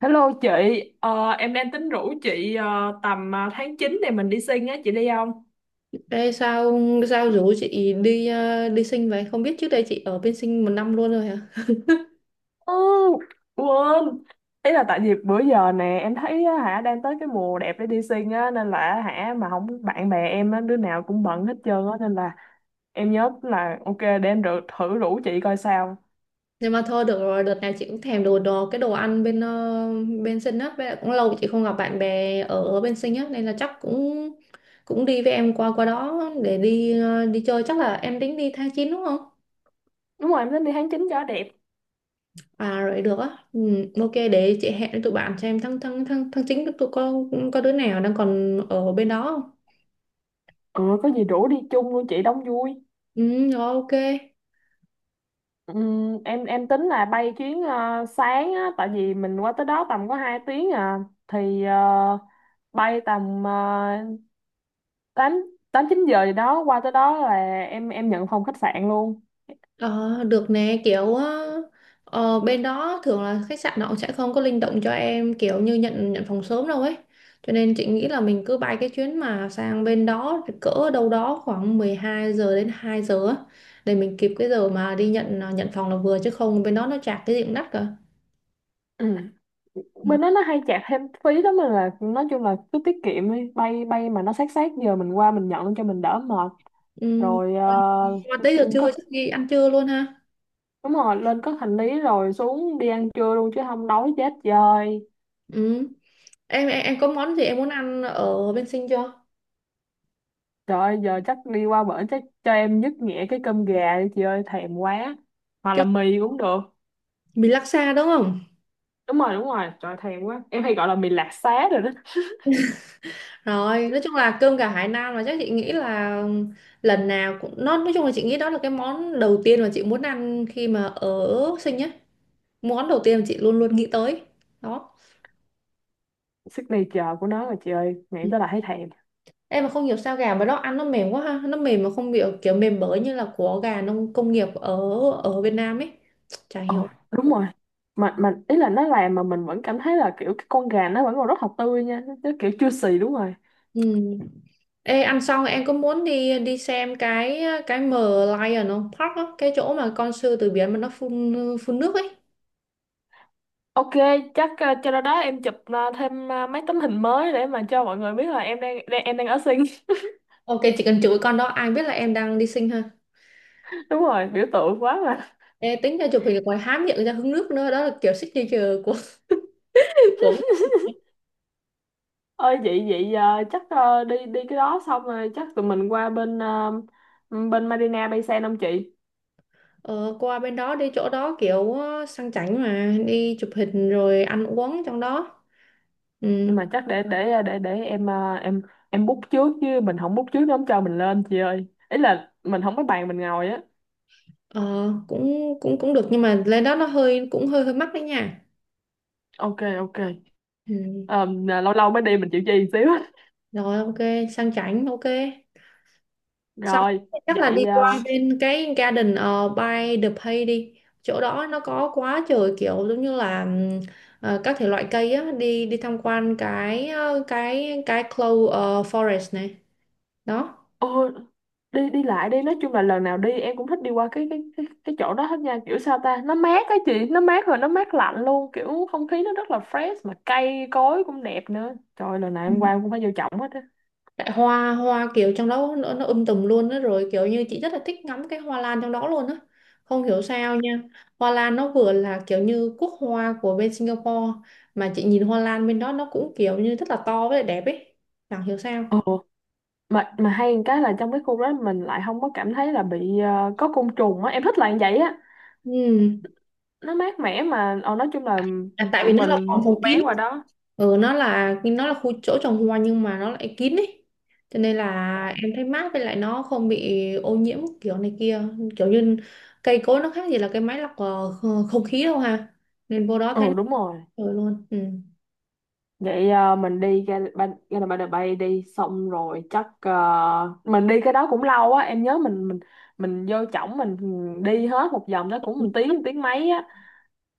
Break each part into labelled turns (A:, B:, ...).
A: Hello chị. Em đang tính rủ chị tầm tháng 9 này mình đi sinh á, chị đi không?
B: Ê, sao sao rủ chị đi đi sinh vậy? Không biết trước đây chị ở bên sinh một năm luôn rồi hả?
A: Ừ, Quên, ý là tại vì bữa giờ nè em thấy á, hả đang tới cái mùa đẹp để đi sinh á nên là hả mà không bạn bè em á đứa nào cũng bận hết trơn á nên là em nhớ là ok thử rủ chị coi sao.
B: Nhưng mà thôi được rồi, đợt này chị cũng thèm đồ đồ cái đồ ăn bên bên sinh á, với lại cũng lâu chị không gặp bạn bè ở ở bên sinh á nên là chắc cũng cũng đi với em qua qua đó để đi đi chơi. Chắc là em tính đi tháng 9 đúng không?
A: Đúng rồi, em tính đi tháng 9 cho đẹp.
B: À rồi được á. Ừ, ok, để chị hẹn với tụi bạn xem tháng tháng tháng tháng 9 tụi con có đứa nào đang còn ở bên đó không?
A: Ừ, có gì rủ đi chung luôn chị đóng vui.
B: Ừ, rồi, ok.
A: Em tính là bay chuyến sáng á, tại vì mình qua tới đó tầm có 2 tiếng à thì bay tầm 8 8 9 giờ gì đó, qua tới đó là em nhận phòng khách sạn luôn.
B: Ờ, được nè, kiểu bên đó thường là khách sạn họ sẽ không có linh động cho em kiểu như nhận nhận phòng sớm đâu ấy, cho nên chị nghĩ là mình cứ bay cái chuyến mà sang bên đó cỡ đâu đó khoảng 12 giờ đến 2 giờ á, để mình kịp cái giờ mà đi nhận phòng là vừa, chứ không bên đó nó chạc cái gì cũng đắt cả.
A: Ừ.
B: Ừ.
A: Bên đó nó hay chặt thêm phí lắm nên là nói chung là cứ tiết kiệm đi, bay bay mà nó sát sát giờ mình qua mình nhận cho mình đỡ mệt.
B: Ừ.
A: Rồi. Ờ,
B: Mà tới giờ
A: có
B: trưa chắc đi ăn trưa luôn ha.
A: Đúng rồi, lên có hành lý rồi xuống đi ăn trưa luôn chứ không đói chết trời.
B: Ừ. em có món gì em muốn ăn ở bên Sinh chưa?
A: Trời ơi, giờ chắc đi qua bển chắc cho em dứt nhẹ cái cơm gà đi chị ơi, thèm quá. Hoặc là
B: Cái
A: mì cũng được.
B: mì laksa đúng không?
A: Đúng rồi, trời ơi, thèm quá. Em hay gọi là mì lạc xá rồi đó.
B: Rồi, nói chung là cơm gà Hải Nam, là chắc chị nghĩ là lần nào cũng nó, nói chung là chị nghĩ đó là cái món đầu tiên mà chị muốn ăn khi mà ở sinh á. Món đầu tiên mà chị luôn luôn nghĩ tới. Đó.
A: Signature của nó rồi chị ơi, nghĩ
B: Ừ.
A: tới là thấy thèm.
B: Em mà không hiểu sao gà mà đó ăn nó mềm quá ha, nó mềm mà không bị kiểu mềm bở như là của gà nông công nghiệp ở ở Việt Nam ấy. Chả
A: Ồ,
B: hiểu.
A: đúng rồi. Mà ý là nó làm mà mình vẫn cảm thấy là kiểu cái con gà nó vẫn còn rất là tươi nha, nó kiểu chưa xì, đúng rồi.
B: Ừ. Ê, ăn xong em có muốn đi đi xem cái M Lion không? Park á, cái chỗ mà con sư tử biển mà nó phun phun nước ấy.
A: Ok, chắc cho đó đó em chụp thêm mấy tấm hình mới để mà cho mọi người biết là em đang, đang em đang ở Sing.
B: Ok, chỉ cần chửi con đó ai biết là em đang đi sinh ha.
A: Đúng rồi, biểu tượng quá mà.
B: Ê, tính ra chụp hình ngoài há miệng ra hứng nước nữa đó là kiểu signature của của
A: Ơi vậy vậy chắc đi đi cái đó xong rồi chắc tụi mình qua bên bên Marina Bay Sen không chị?
B: ờ, qua bên đó, đi chỗ đó kiểu sang chảnh mà đi chụp hình rồi ăn uống trong đó. Ừ.
A: Nhưng mà chắc để để em em book trước, chứ mình không book trước nó không cho mình lên chị ơi, ý là mình không có bàn mình ngồi á.
B: ờ, cũng cũng cũng được nhưng mà lên đó nó hơi, cũng hơi hơi mắc đấy nha.
A: Ok, ok.
B: Ừ.
A: Ờ, lâu lâu mới đi mình chịu chi một xíu.
B: Rồi ok, sang chảnh ok. Xong
A: Rồi.
B: chắc là đi
A: Vậy
B: qua bên cái Garden by the Bay đi. Chỗ đó nó có quá trời kiểu giống như là các thể loại cây á, đi đi tham quan cái cái clove forest này. Đó.
A: uh... đi đi lại đi nói chung là lần nào đi em cũng thích đi qua cái chỗ đó hết nha, kiểu sao ta, nó mát á chị, nó mát, rồi nó mát lạnh luôn, kiểu không khí nó rất là fresh mà cây cối cũng đẹp nữa, trời lần nào
B: Ừ.
A: em qua em cũng phải vô trọng hết á.
B: Tại hoa hoa kiểu trong đó nó tùm luôn á, rồi kiểu như chị rất là thích ngắm cái hoa lan trong đó luôn á. Không hiểu sao nha. Hoa lan nó vừa là kiểu như quốc hoa của bên Singapore, mà chị nhìn hoa lan bên đó nó cũng kiểu như rất là to với lại đẹp ấy. Chẳng hiểu
A: Ừ.
B: sao.
A: mà hay một cái là trong cái khu đó mình lại không có cảm thấy là bị có côn trùng á, em thích là như vậy á,
B: Ừ.
A: nó mát mẻ mà nói chung là
B: À, tại
A: tụi
B: vì nó là
A: mình
B: phòng
A: mua
B: phòng
A: vé
B: kín.
A: qua đó.
B: Ừ, nó là khu chỗ trồng hoa nhưng mà nó lại kín ấy, cho nên là em thấy mát với lại nó không bị ô nhiễm kiểu này kia, kiểu như cây cối nó khác gì là cái máy lọc không khí đâu ha. Nên vô đó thấy nó
A: Ừ, đúng rồi.
B: rồi luôn. Ừ.
A: Vậy à, mình đi ra ban ra là ban bay đi xong rồi chắc à, mình đi cái đó cũng lâu á, em nhớ mình vô trỏng mình đi hết một vòng đó cũng một tiếng, một tiếng mấy á,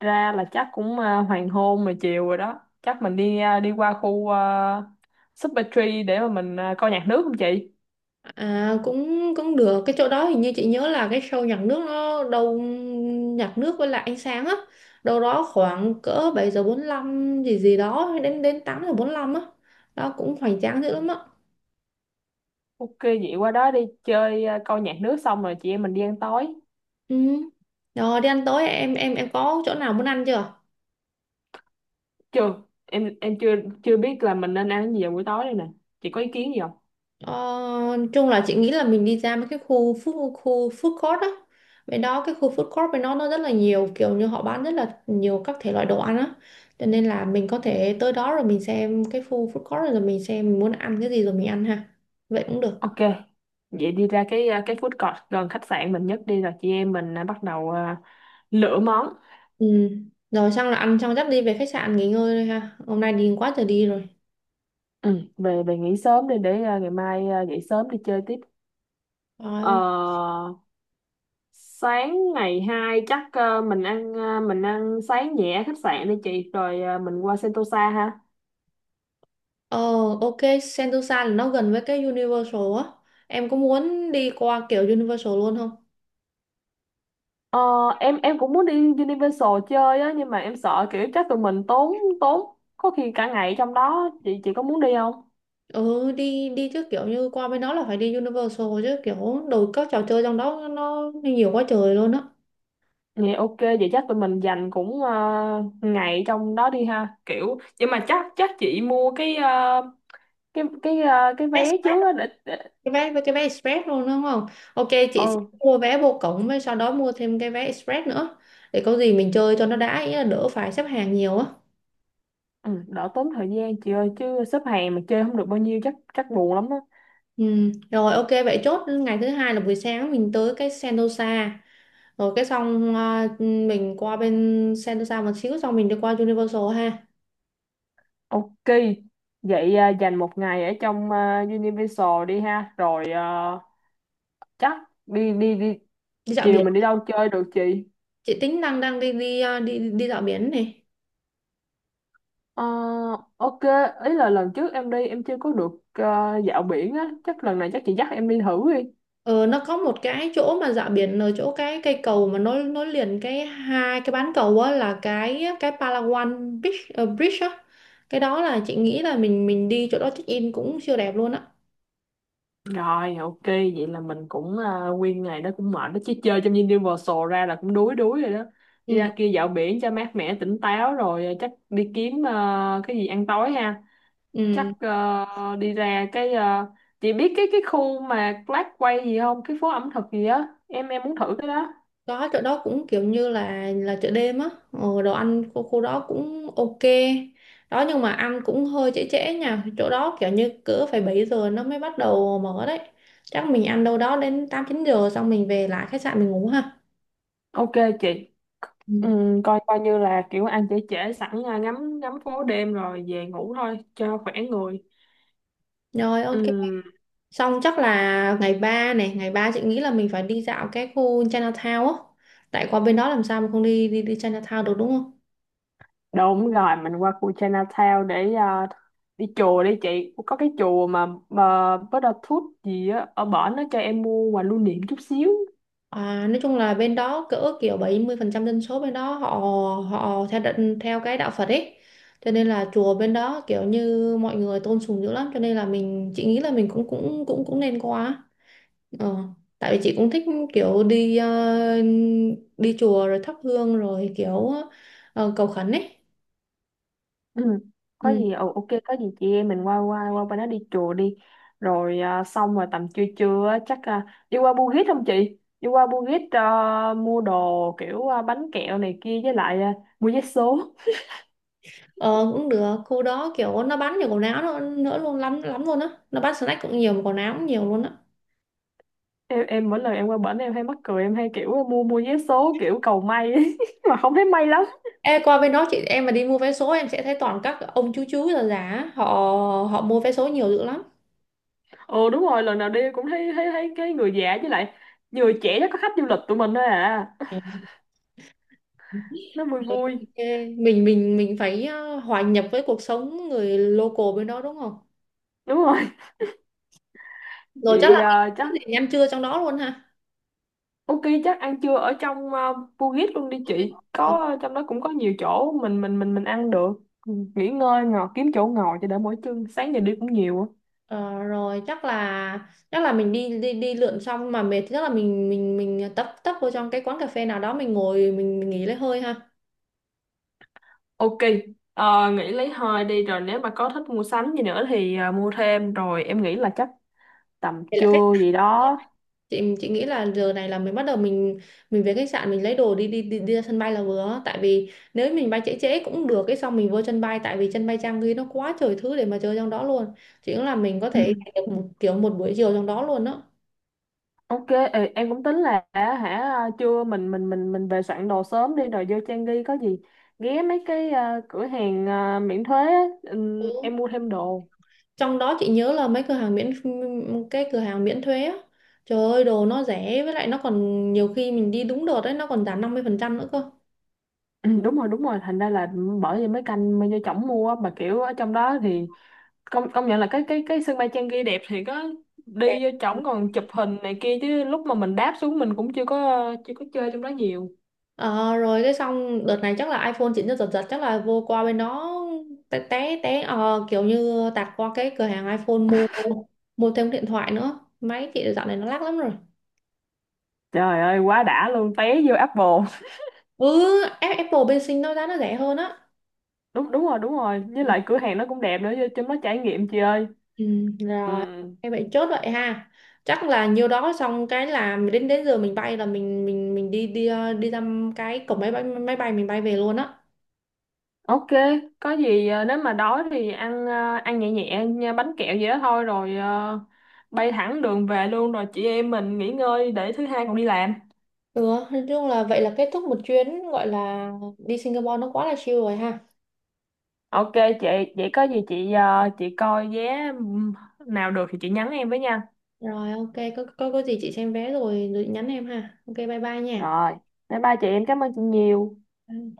A: ra là chắc cũng à, hoàng hôn rồi, chiều rồi đó, chắc mình đi à, đi qua khu Super Tree để mà mình à, coi nhạc nước không chị?
B: cũng cũng được, cái chỗ đó hình như chị nhớ là cái show nhạc nước nó đâu, nhạc nước với lại ánh sáng á, đâu đó khoảng cỡ 7:45 gì gì đó đến đến 8:45 á. Đó cũng hoành tráng dữ lắm á.
A: Ok, vậy qua đó đi chơi à, coi nhạc nước xong rồi chị em mình đi ăn tối.
B: Ừ. Rồi đi ăn tối, em có chỗ nào muốn ăn chưa?
A: Chưa, em chưa chưa biết là mình nên ăn cái gì vào buổi tối đây nè, chị có ý kiến gì không?
B: Ờ, chung là chị nghĩ là mình đi ra mấy cái khu food court á. Bên đó cái khu food court bên đó nó rất là nhiều, kiểu như họ bán rất là nhiều các thể loại đồ ăn á. Cho nên là mình có thể tới đó rồi mình xem cái khu food court, rồi mình xem mình muốn ăn cái gì rồi mình ăn ha. Vậy cũng được.
A: Ok, vậy đi ra cái à, cái food court gần khách sạn mình nhất đi, rồi chị em mình à, bắt đầu à, lựa món.
B: Ừ. Rồi xong là ăn xong dắt đi về khách sạn nghỉ ngơi thôi ha. Hôm nay đi quá trời đi rồi.
A: Ừ, về về nghỉ sớm đi để à, ngày mai à, dậy sớm đi chơi tiếp.
B: Rồi ok.
A: Ờ, Sáng ngày 2 chắc à, mình ăn sáng nhẹ ở khách sạn đi chị, rồi à, mình qua Sentosa ha.
B: Ờ, ok, Sentosa là nó gần với cái Universal á. Em có muốn đi qua kiểu Universal luôn không?
A: Ờ, em cũng muốn đi Universal chơi á, nhưng mà em sợ kiểu chắc tụi mình tốn tốn có khi cả ngày trong đó, chị có muốn đi không?
B: Ừ, đi đi chứ, kiểu như qua bên đó là phải đi Universal chứ, kiểu đồ các trò chơi trong đó nó nhiều quá trời luôn á.
A: Vậy ok, vậy chắc tụi mình dành cũng ngày trong đó đi ha. Kiểu nhưng mà chắc chắc chị mua cái cái
B: Vé
A: vé
B: Express.
A: trước á để, để.
B: Cái vé với cái vé Express luôn đúng không? Ok, chị sẽ
A: Ừ,
B: mua vé vô cổng với sau đó mua thêm cái vé Express nữa. Để có gì mình chơi cho nó đã, ý là đỡ phải xếp hàng nhiều á.
A: ừ, đỡ tốn thời gian chị ơi, chứ xếp hàng mà chơi không được bao nhiêu chắc chắc buồn lắm á.
B: Ừ. Rồi ok, vậy chốt ngày thứ hai là buổi sáng mình tới cái Sentosa. Rồi cái xong mình qua bên Sentosa một xíu, xong mình đi qua Universal ha.
A: Ok. Vậy dành một ngày ở trong Universal đi ha, rồi chắc đi đi đi
B: Đi dạo
A: chiều
B: biển.
A: mình đi đâu chơi được chị?
B: Chị tính đang đang đi đi à, đi đi dạo biển này.
A: Ờ, ok, ý là lần trước em đi em chưa có được dạo biển á, chắc lần này chắc chị dắt em đi thử đi.
B: Ờ nó có một cái chỗ mà dạo biển ở chỗ cái cây cầu mà nối nối liền cái hai cái bán cầu á, là cái Palawan Beach Bridge á. Cái đó là chị nghĩ là mình đi chỗ đó check in cũng siêu đẹp luôn á.
A: Rồi, ok, vậy là mình cũng à, nguyên ngày đó cũng mệt đó chứ, chơi trong Universal ra là cũng đuối đuối rồi đó. Đi
B: Ừ.
A: ra kia dạo biển cho mát mẻ tỉnh táo, rồi à, chắc đi kiếm à, cái gì ăn tối ha. Chắc
B: Ừ.
A: à, đi ra cái à, chị biết cái khu mà Black Quay gì không? Cái phố ẩm thực gì á, em muốn thử cái đó.
B: Đó, chỗ đó cũng kiểu như là chợ đêm á, đồ ăn khu, khu đó cũng ok đó, nhưng mà ăn cũng hơi trễ trễ nha, chỗ đó kiểu như cỡ phải 7 giờ nó mới bắt đầu mở đấy. Chắc mình ăn đâu đó đến 8 9 giờ, xong mình về lại khách sạn mình ngủ ha.
A: Ok chị. Ừ,
B: Ừ.
A: coi coi như là kiểu ăn trễ trễ sẵn à, ngắm ngắm phố đêm rồi về ngủ thôi cho khỏe người.
B: Rồi ok,
A: Ừ.
B: xong chắc là ngày 3 này, ngày 3 chị nghĩ là mình phải đi dạo cái khu Chinatown á, tại qua bên đó làm sao mà không đi đi đi Chinatown được đúng không?
A: Đúng rồi, mình qua khu Chinatown để đi chùa đi chị. Có cái chùa mà Buddha Tooth gì á, ở bển nó cho em mua quà lưu niệm chút xíu.
B: À, nói chung là bên đó cỡ kiểu 70% dân số bên đó họ họ theo theo cái đạo Phật ấy. Cho nên là chùa bên đó kiểu như mọi người tôn sùng dữ lắm, cho nên là mình, chị nghĩ là mình cũng cũng cũng cũng nên qua. Ờ, tại vì chị cũng thích kiểu đi chùa rồi thắp hương rồi kiểu cầu khấn ấy.
A: Ừ. Có
B: Ừ.
A: gì, ồ ok, có gì chị em mình qua qua qua bên đó đi chùa đi. Rồi xong rồi tầm trưa trưa á, chắc đi qua Bugis không chị? Đi qua Bugis mua đồ kiểu bánh kẹo này kia với lại mua vé số.
B: Ờ, cũng được, khu đó kiểu nó bán nhiều quần áo nữa luôn, lắm lắm luôn á. Nó bán snack cũng nhiều mà quần áo cũng nhiều luôn á.
A: Em mỗi lần em qua bển em hay mắc cười, em hay kiểu mua mua vé số kiểu cầu may ấy. Mà không thấy may lắm.
B: Ê, qua bên đó chị em mà đi mua vé số em sẽ thấy toàn các ông chú già già á, họ họ mua vé số nhiều dữ lắm.
A: Ừ, đúng rồi, lần nào đi cũng thấy thấy thấy cái người già, với lại người trẻ chắc có khách du lịch tụi mình thôi à,
B: Ừ.
A: nó vui vui.
B: Ê, mình phải hòa nhập với cuộc sống người local bên đó đúng không.
A: Đúng rồi.
B: Rồi chắc
A: Vậy
B: là
A: à,
B: cái
A: chắc
B: gì ăn trưa trong đó luôn ha.
A: ok, chắc ăn trưa ở trong Bugis luôn đi chị,
B: Ờ,
A: có trong đó cũng có nhiều chỗ mình ăn được. Ừ, nghỉ ngơi ngồi kiếm chỗ ngồi cho đỡ mỏi chân, sáng giờ đi cũng nhiều á.
B: ờ, rồi chắc là mình đi đi đi lượn, xong mà mệt thì chắc là mình tấp tấp vô trong cái quán cà phê nào đó mình ngồi, mình nghỉ lấy hơi ha.
A: Ok, nghỉ lấy hơi đi rồi nếu mà có thích mua sắm gì nữa thì à, mua thêm, rồi em nghĩ là chắc tầm
B: Vậy là khách
A: trưa gì đó.
B: chị nghĩ là giờ này là mình bắt đầu, mình về khách sạn mình lấy đồ đi ra sân bay là vừa, tại vì nếu mình bay trễ trễ cũng được, cái xong mình vô sân bay tại vì sân bay trang ghi nó quá trời thứ để mà chơi trong đó luôn. Chị nghĩ là mình có thể dành được một kiểu một buổi chiều trong đó luôn đó.
A: Ok, ê, em cũng tính là á, hả trưa mình về soạn đồ sớm đi rồi vô Trang Ghi, có gì ghé mấy cái cửa hàng miễn thuế á,
B: Ừ.
A: em mua thêm đồ.
B: Trong đó chị nhớ là mấy cửa hàng miễn cái cửa hàng miễn thuế á, trời ơi đồ nó rẻ, với lại nó còn nhiều khi mình đi đúng đợt đấy nó còn giảm 50% nữa cơ.
A: Ừ, đúng rồi, thành ra là bởi vì mấy canh mới vô chổng mua á, mà kiểu ở trong đó thì công công nhận là cái sân bay Trang Ghi đẹp thì có, đi vô chổng còn chụp hình này kia, chứ lúc mà mình đáp xuống mình cũng chưa có chơi trong đó nhiều.
B: Ờ, rồi cái xong đợt này chắc là iPhone chỉnh cho giật giật, chắc là vô qua bên đó té té té kiểu như tạt qua cái cửa hàng iPhone mua, thêm điện thoại nữa, máy chị dạo này nó lắc lắm rồi.
A: Trời ơi quá đã luôn, té vô Apple.
B: Ừ. Apple bên sinh nó giá nó rẻ hơn á.
A: Đúng đúng rồi, với
B: Ừ,
A: lại cửa hàng nó cũng đẹp nữa, vô trong đó trải nghiệm chị ơi.
B: ừ,
A: Ừ,
B: rồi em vậy chốt vậy ha, chắc là nhiêu đó xong cái là đến đến giờ mình bay là mình đi đi ờ, đi ra cái cổng máy bay, mình bay về luôn á.
A: ok, có gì nếu mà đói thì ăn ăn nhẹ nhẹ nha, bánh kẹo gì đó thôi, rồi bay thẳng đường về luôn, rồi chị em mình nghỉ ngơi để thứ hai còn đi làm.
B: Ừ, nói chung là vậy là kết thúc một chuyến gọi là đi Singapore nó quá là chill rồi ha.
A: Ok chị, vậy có gì chị chị coi vé nào được thì chị nhắn em với nha.
B: Rồi ok, có gì chị xem vé, rồi nhắn em ha. Ok, bye bye nha.
A: Rồi, bye bye chị, em cảm ơn chị nhiều.
B: Ừ.